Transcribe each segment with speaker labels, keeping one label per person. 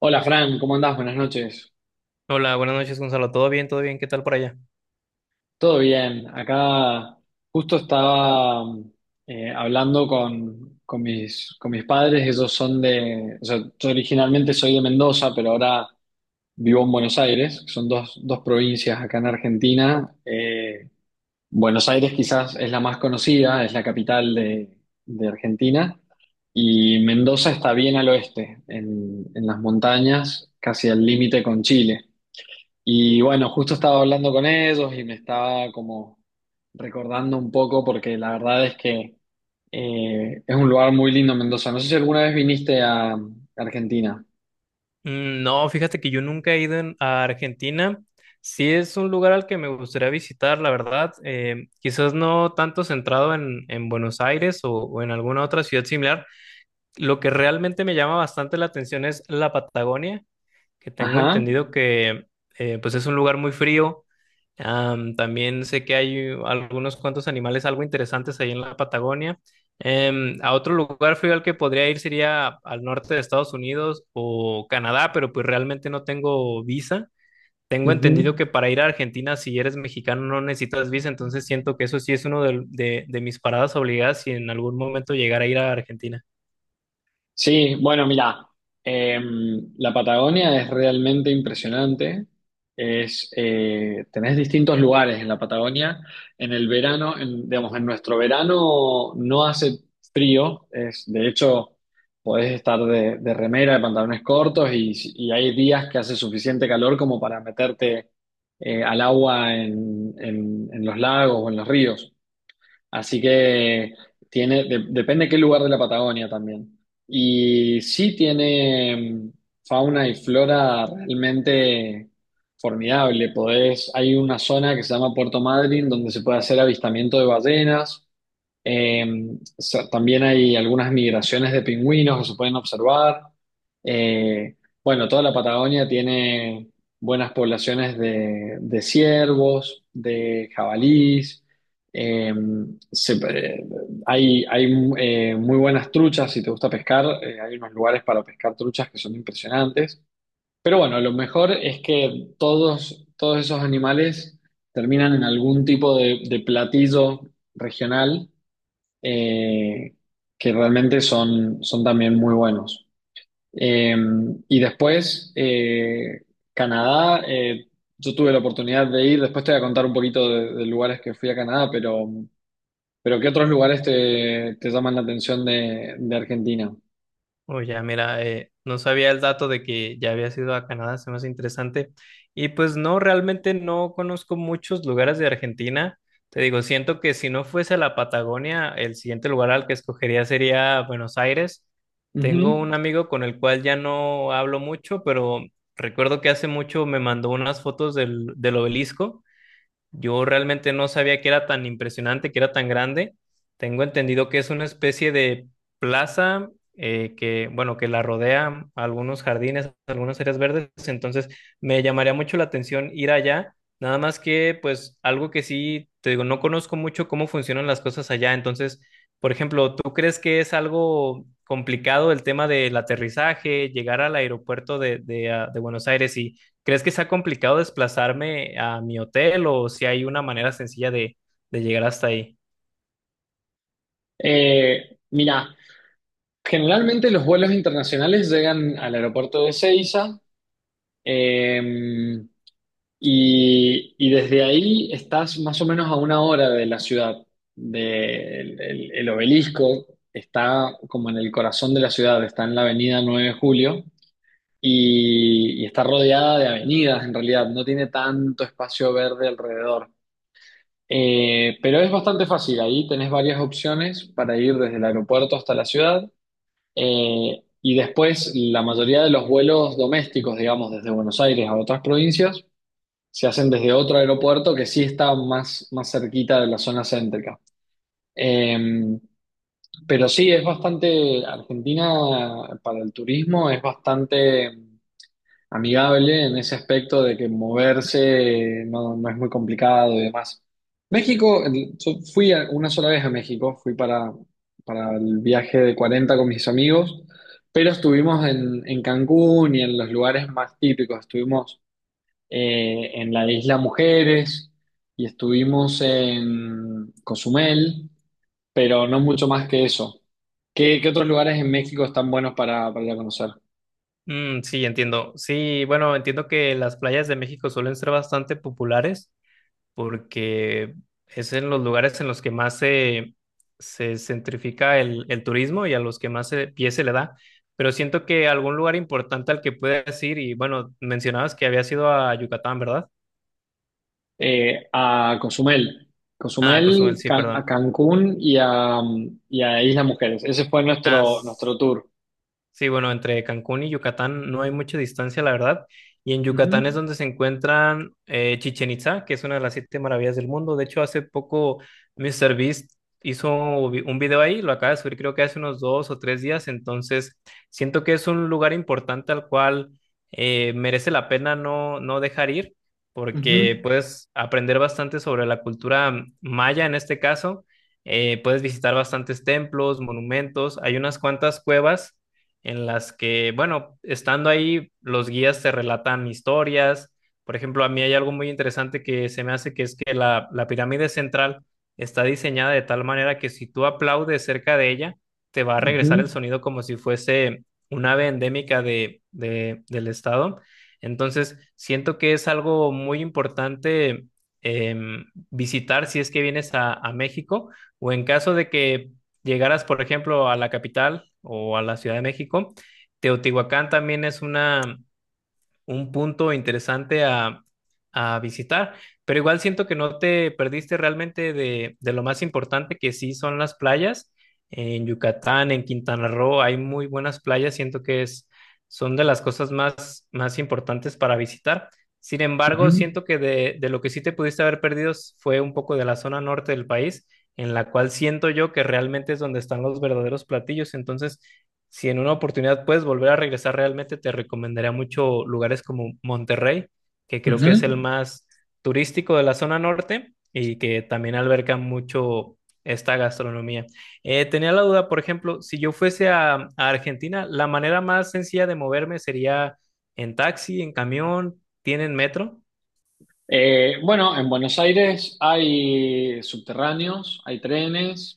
Speaker 1: Hola Fran, ¿cómo andás? Buenas noches.
Speaker 2: Hola, buenas noches, Gonzalo. ¿Todo bien? ¿Todo bien? ¿Qué tal por allá?
Speaker 1: ¿Todo bien? Acá justo estaba hablando con mis padres, ellos son de, o sea, yo originalmente soy de Mendoza, pero ahora vivo en Buenos Aires, que son dos provincias acá en Argentina. Buenos Aires quizás es la más conocida, es la capital de Argentina, y Mendoza está bien al oeste, en las montañas, casi al límite con Chile. Y bueno, justo estaba hablando con ellos y me estaba como recordando un poco porque la verdad es que es un lugar muy lindo Mendoza. No sé si alguna vez viniste a Argentina.
Speaker 2: Mm, no, fíjate que yo nunca he ido a Argentina. Sí es un lugar al que me gustaría visitar, la verdad. Quizás no tanto centrado en Buenos Aires o en alguna otra ciudad similar. Lo que realmente me llama bastante la atención es la Patagonia, que tengo
Speaker 1: Ajá.
Speaker 2: entendido que pues es un lugar muy frío. Am, también sé que hay algunos cuantos animales algo interesantes ahí en la Patagonia. A otro lugar frío al que podría ir sería al norte de Estados Unidos o Canadá, pero pues realmente no tengo visa. Tengo
Speaker 1: Ujú.
Speaker 2: entendido que para ir a Argentina, si eres mexicano, no necesitas visa, entonces siento que eso sí es uno de mis paradas obligadas si en algún momento llegara a ir a Argentina.
Speaker 1: Sí, bueno, mira, la Patagonia es realmente impresionante. Es, tenés distintos lugares en la Patagonia. En el verano, en, digamos, en nuestro verano no hace frío. Es, de hecho, podés estar de remera, de pantalones cortos y hay días que hace suficiente calor como para meterte al agua en los lagos o en los ríos. Así que tiene, depende de qué lugar de la Patagonia también. Y sí tiene fauna y flora realmente formidable. Podés, hay una zona que se llama Puerto Madryn donde se puede hacer avistamiento de ballenas. Eh, También hay algunas migraciones de pingüinos que se pueden observar. Eh, bueno, toda la Patagonia tiene buenas poblaciones de ciervos, de jabalís. Eh, se- eh, hay muy buenas truchas, si te gusta pescar, hay unos lugares para pescar truchas que son impresionantes. Pero bueno, lo mejor es que todos esos animales terminan en algún tipo de platillo regional eh, que realmente son, son también muy buenos. Eh, y después, Canadá, yo tuve la oportunidad de ir, después te voy a contar un poquito de lugares que fui a Canadá, pero ¿qué otros lugares te llaman la atención de Argentina?
Speaker 2: Oh, ya, mira, no sabía el dato de que ya había ido a Canadá, se me hace interesante. Y pues no, realmente no conozco muchos lugares de Argentina. Te digo, siento que si no fuese la Patagonia, el siguiente lugar al que escogería sería Buenos Aires. Tengo
Speaker 1: Ujú.
Speaker 2: un amigo con el cual ya no hablo mucho, pero recuerdo que hace mucho me mandó unas fotos del obelisco. Yo realmente no sabía que era tan impresionante, que era tan grande. Tengo entendido que es una especie de plaza que, bueno, que la rodea algunos jardines, algunas áreas verdes. Entonces, me llamaría mucho la atención ir allá. Nada más que, pues, algo que sí, te digo, no conozco mucho cómo funcionan las cosas allá. Entonces, por ejemplo, ¿tú crees que es algo complicado el tema del aterrizaje, llegar al aeropuerto de Buenos Aires y ¿crees que sea complicado desplazarme a mi hotel o si hay una manera sencilla de llegar hasta ahí?
Speaker 1: Mira, generalmente los vuelos internacionales llegan al aeropuerto de Ezeiza. eh, y desde ahí estás más o menos a una hora de la ciudad. El obelisco está como en el corazón de la ciudad, está en la avenida 9 de Julio y está rodeada de avenidas en realidad, no tiene tanto espacio verde alrededor. Pero es bastante fácil, ahí tenés varias opciones para ir desde el aeropuerto hasta la ciudad. Y después la mayoría de los vuelos domésticos, digamos, desde Buenos Aires a otras provincias, se hacen desde otro aeropuerto que sí está más, más cerquita de la zona céntrica. Eh, pero sí, es bastante, Argentina para el turismo es bastante amigable en ese aspecto de que moverse no, no es muy complicado y demás. México, yo fui una sola vez a México, fui para el viaje de 40 con mis amigos, pero estuvimos en Cancún y en los lugares más típicos, estuvimos en la isla Mujeres y estuvimos en Cozumel, pero no mucho más que eso. ¿Qué, qué otros lugares en México están buenos para ir a conocer?
Speaker 2: Mm, sí, entiendo. Sí, bueno, entiendo que las playas de México suelen ser bastante populares porque es en los lugares en los que más se centrifica el turismo y a los que más pie se le da. Pero siento que algún lugar importante al que puedas ir, y bueno, mencionabas que habías ido a Yucatán, ¿verdad?
Speaker 1: Eh, a Cozumel,
Speaker 2: Ah, Cozumel, sí,
Speaker 1: A
Speaker 2: perdón.
Speaker 1: Cancún y a Isla Mujeres. Ese fue
Speaker 2: Ah,
Speaker 1: nuestro, nuestro tour.
Speaker 2: sí, bueno, entre Cancún y Yucatán no hay mucha distancia, la verdad. Y en Yucatán es
Speaker 1: Ujú,
Speaker 2: donde se encuentran Chichén Itzá, que es una de las siete maravillas del mundo. De hecho, hace poco míster Beast un video ahí, lo acaba de subir creo que hace unos 2 o 3 días. Entonces, siento que es un lugar importante al cual merece la pena no, no dejar ir,
Speaker 1: ujú,
Speaker 2: porque puedes aprender bastante sobre la cultura maya en este caso. Puedes visitar bastantes templos, monumentos, hay unas cuantas cuevas en las que, bueno, estando ahí, los guías te relatan historias. Por ejemplo, a mí hay algo muy interesante que se me hace, que es que la pirámide central está diseñada de tal manera que si tú aplaudes cerca de ella, te va a regresar el
Speaker 1: ujú,
Speaker 2: sonido como si fuese un ave endémica del estado. Entonces, siento que es algo muy importante visitar si es que vienes a México o en caso de que llegaras, por ejemplo, a la capital o a la Ciudad de México. Teotihuacán también es una, un punto interesante a visitar, pero igual siento que no te perdiste realmente de lo más importante que sí son las playas. En Yucatán, en Quintana Roo, hay muy buenas playas, siento que es, son de las cosas más, más importantes para visitar. Sin embargo,
Speaker 1: ujú,
Speaker 2: siento que de lo que sí te pudiste haber perdido fue un poco de la zona norte del país, en la cual siento yo que realmente es donde están los verdaderos platillos. Entonces, si en una oportunidad puedes volver a regresar realmente, te recomendaría mucho lugares como Monterrey, que creo que es el
Speaker 1: ujú.
Speaker 2: más turístico de la zona norte y que también alberga mucho esta gastronomía. Tenía la duda, por ejemplo, si yo fuese a Argentina, la manera más sencilla de moverme sería en taxi, en camión, ¿tienen metro?
Speaker 1: Bueno, en Buenos Aires hay subterráneos, hay trenes.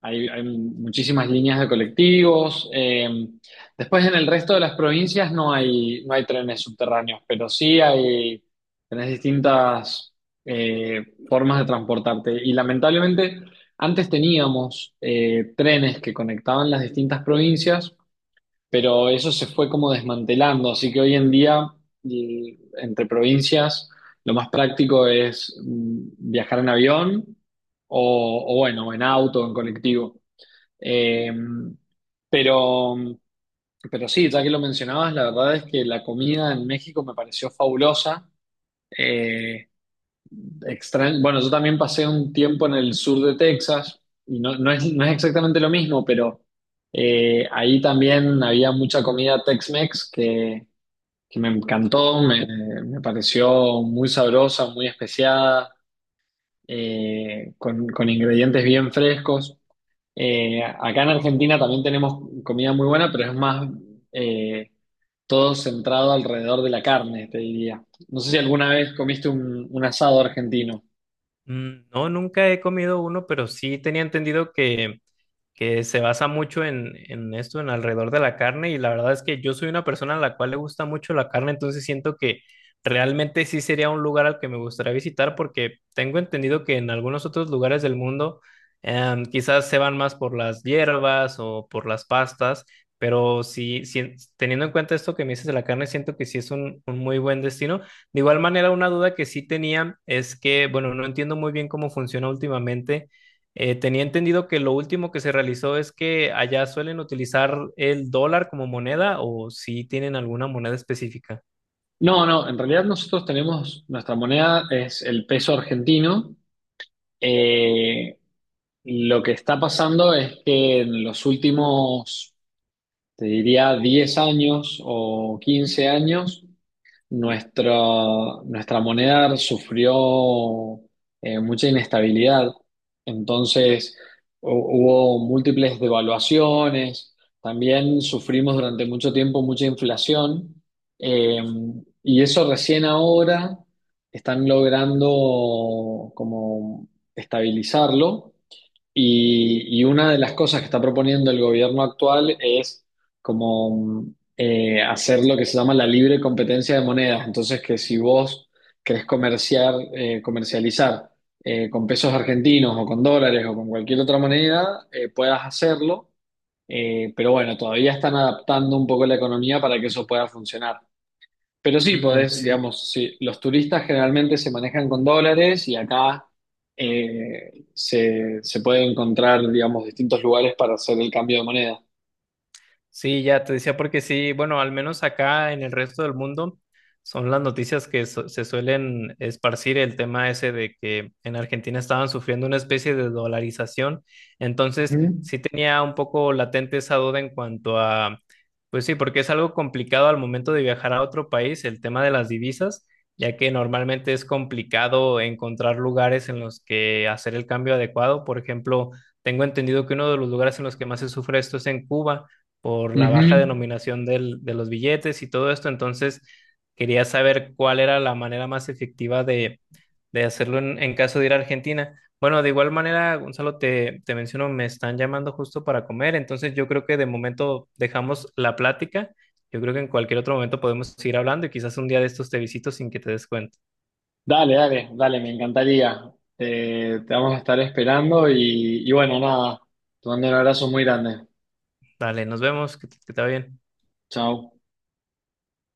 Speaker 1: Hay muchísimas líneas de colectivos. Después en el resto de las provincias no hay, no hay trenes subterráneos, pero sí hay, tenés distintas formas de transportarte. Y lamentablemente antes teníamos trenes que conectaban las distintas provincias, pero eso se fue como desmantelando. Así que hoy en día y entre provincias lo más práctico es viajar en avión o bueno, en auto, en colectivo. Eh, pero, pero sí, ya que lo mencionabas, la verdad es que la comida en México me pareció fabulosa. Eh, bueno, yo también pasé un tiempo en el sur de Texas y no, no es, no es exactamente lo mismo, pero ahí también había mucha comida Tex-Mex que me encantó, me pareció muy sabrosa, muy especiada, con ingredientes bien frescos. Acá en Argentina también tenemos comida muy buena, pero es más eh, todo centrado alrededor de la carne, te diría. No sé si alguna vez comiste un asado argentino.
Speaker 2: Mm, no, nunca he comido uno, pero sí tenía entendido que se basa mucho en esto, en alrededor de la carne, y la verdad es que yo soy una persona a la cual le gusta mucho la carne, entonces siento que realmente sí sería un lugar al que me gustaría visitar porque tengo entendido que en algunos otros lugares del mundo quizás se van más por las hierbas o por las pastas, pero sí, sí, teniendo en cuenta esto que me dices de la carne, siento que sí es un muy buen destino. De igual manera, una duda que sí tenía es que, bueno, no entiendo muy bien cómo funciona últimamente. Eh, tenía entendido que lo último que se realizó es que allá suelen utilizar el dólar como moneda o si tienen alguna moneda específica.
Speaker 1: No, no, en realidad nosotros tenemos, nuestra moneda es el peso argentino. Eh, lo que está pasando es que en los últimos, te diría, 10 años o 15 años, nuestra moneda sufrió mucha inestabilidad, entonces hubo múltiples devaluaciones, también sufrimos durante mucho tiempo mucha inflación, eh, y eso recién ahora están logrando como estabilizarlo y una de las cosas que está proponiendo el gobierno actual es como hacer lo que se llama la libre competencia de monedas. Entonces, que si vos querés comerciar, comercializar con pesos argentinos o con dólares o con cualquier otra moneda, puedas hacerlo. Pero bueno, todavía están adaptando un poco la economía para que eso pueda funcionar. Pero sí,
Speaker 2: Mm,
Speaker 1: podés,
Speaker 2: sí.
Speaker 1: digamos, sí, los turistas generalmente se manejan con dólares y acá se puede encontrar, digamos, distintos lugares para hacer el cambio de moneda.
Speaker 2: Sí, ya te decía porque sí, bueno, al menos acá en el resto del mundo son las noticias que se suelen esparcir, el tema ese de que en Argentina estaban sufriendo una especie de dolarización. Entonces,
Speaker 1: Ujú,
Speaker 2: sí tenía un poco latente esa duda en cuanto a, pues sí, porque es algo complicado al momento de viajar a otro país, el tema de las divisas, ya que normalmente es complicado encontrar lugares en los que hacer el cambio adecuado. Por ejemplo, tengo entendido que uno de los lugares en los que más se sufre esto es en Cuba por la
Speaker 1: ujú.
Speaker 2: baja denominación de los billetes y todo esto. Entonces, quería saber cuál era la manera más efectiva de hacerlo en caso de ir a Argentina. Bueno, de igual manera, Gonzalo, te menciono, me están llamando justo para comer, entonces yo creo que de momento dejamos la plática. Yo creo que en cualquier otro momento podemos seguir hablando y quizás un día de estos te visito sin que te des cuenta.
Speaker 1: Dale, dale, dale, me encantaría. Te vamos a estar esperando y bueno, nada, te mando un abrazo muy grande.
Speaker 2: Dale, nos vemos, que, que te va bien.
Speaker 1: Chao.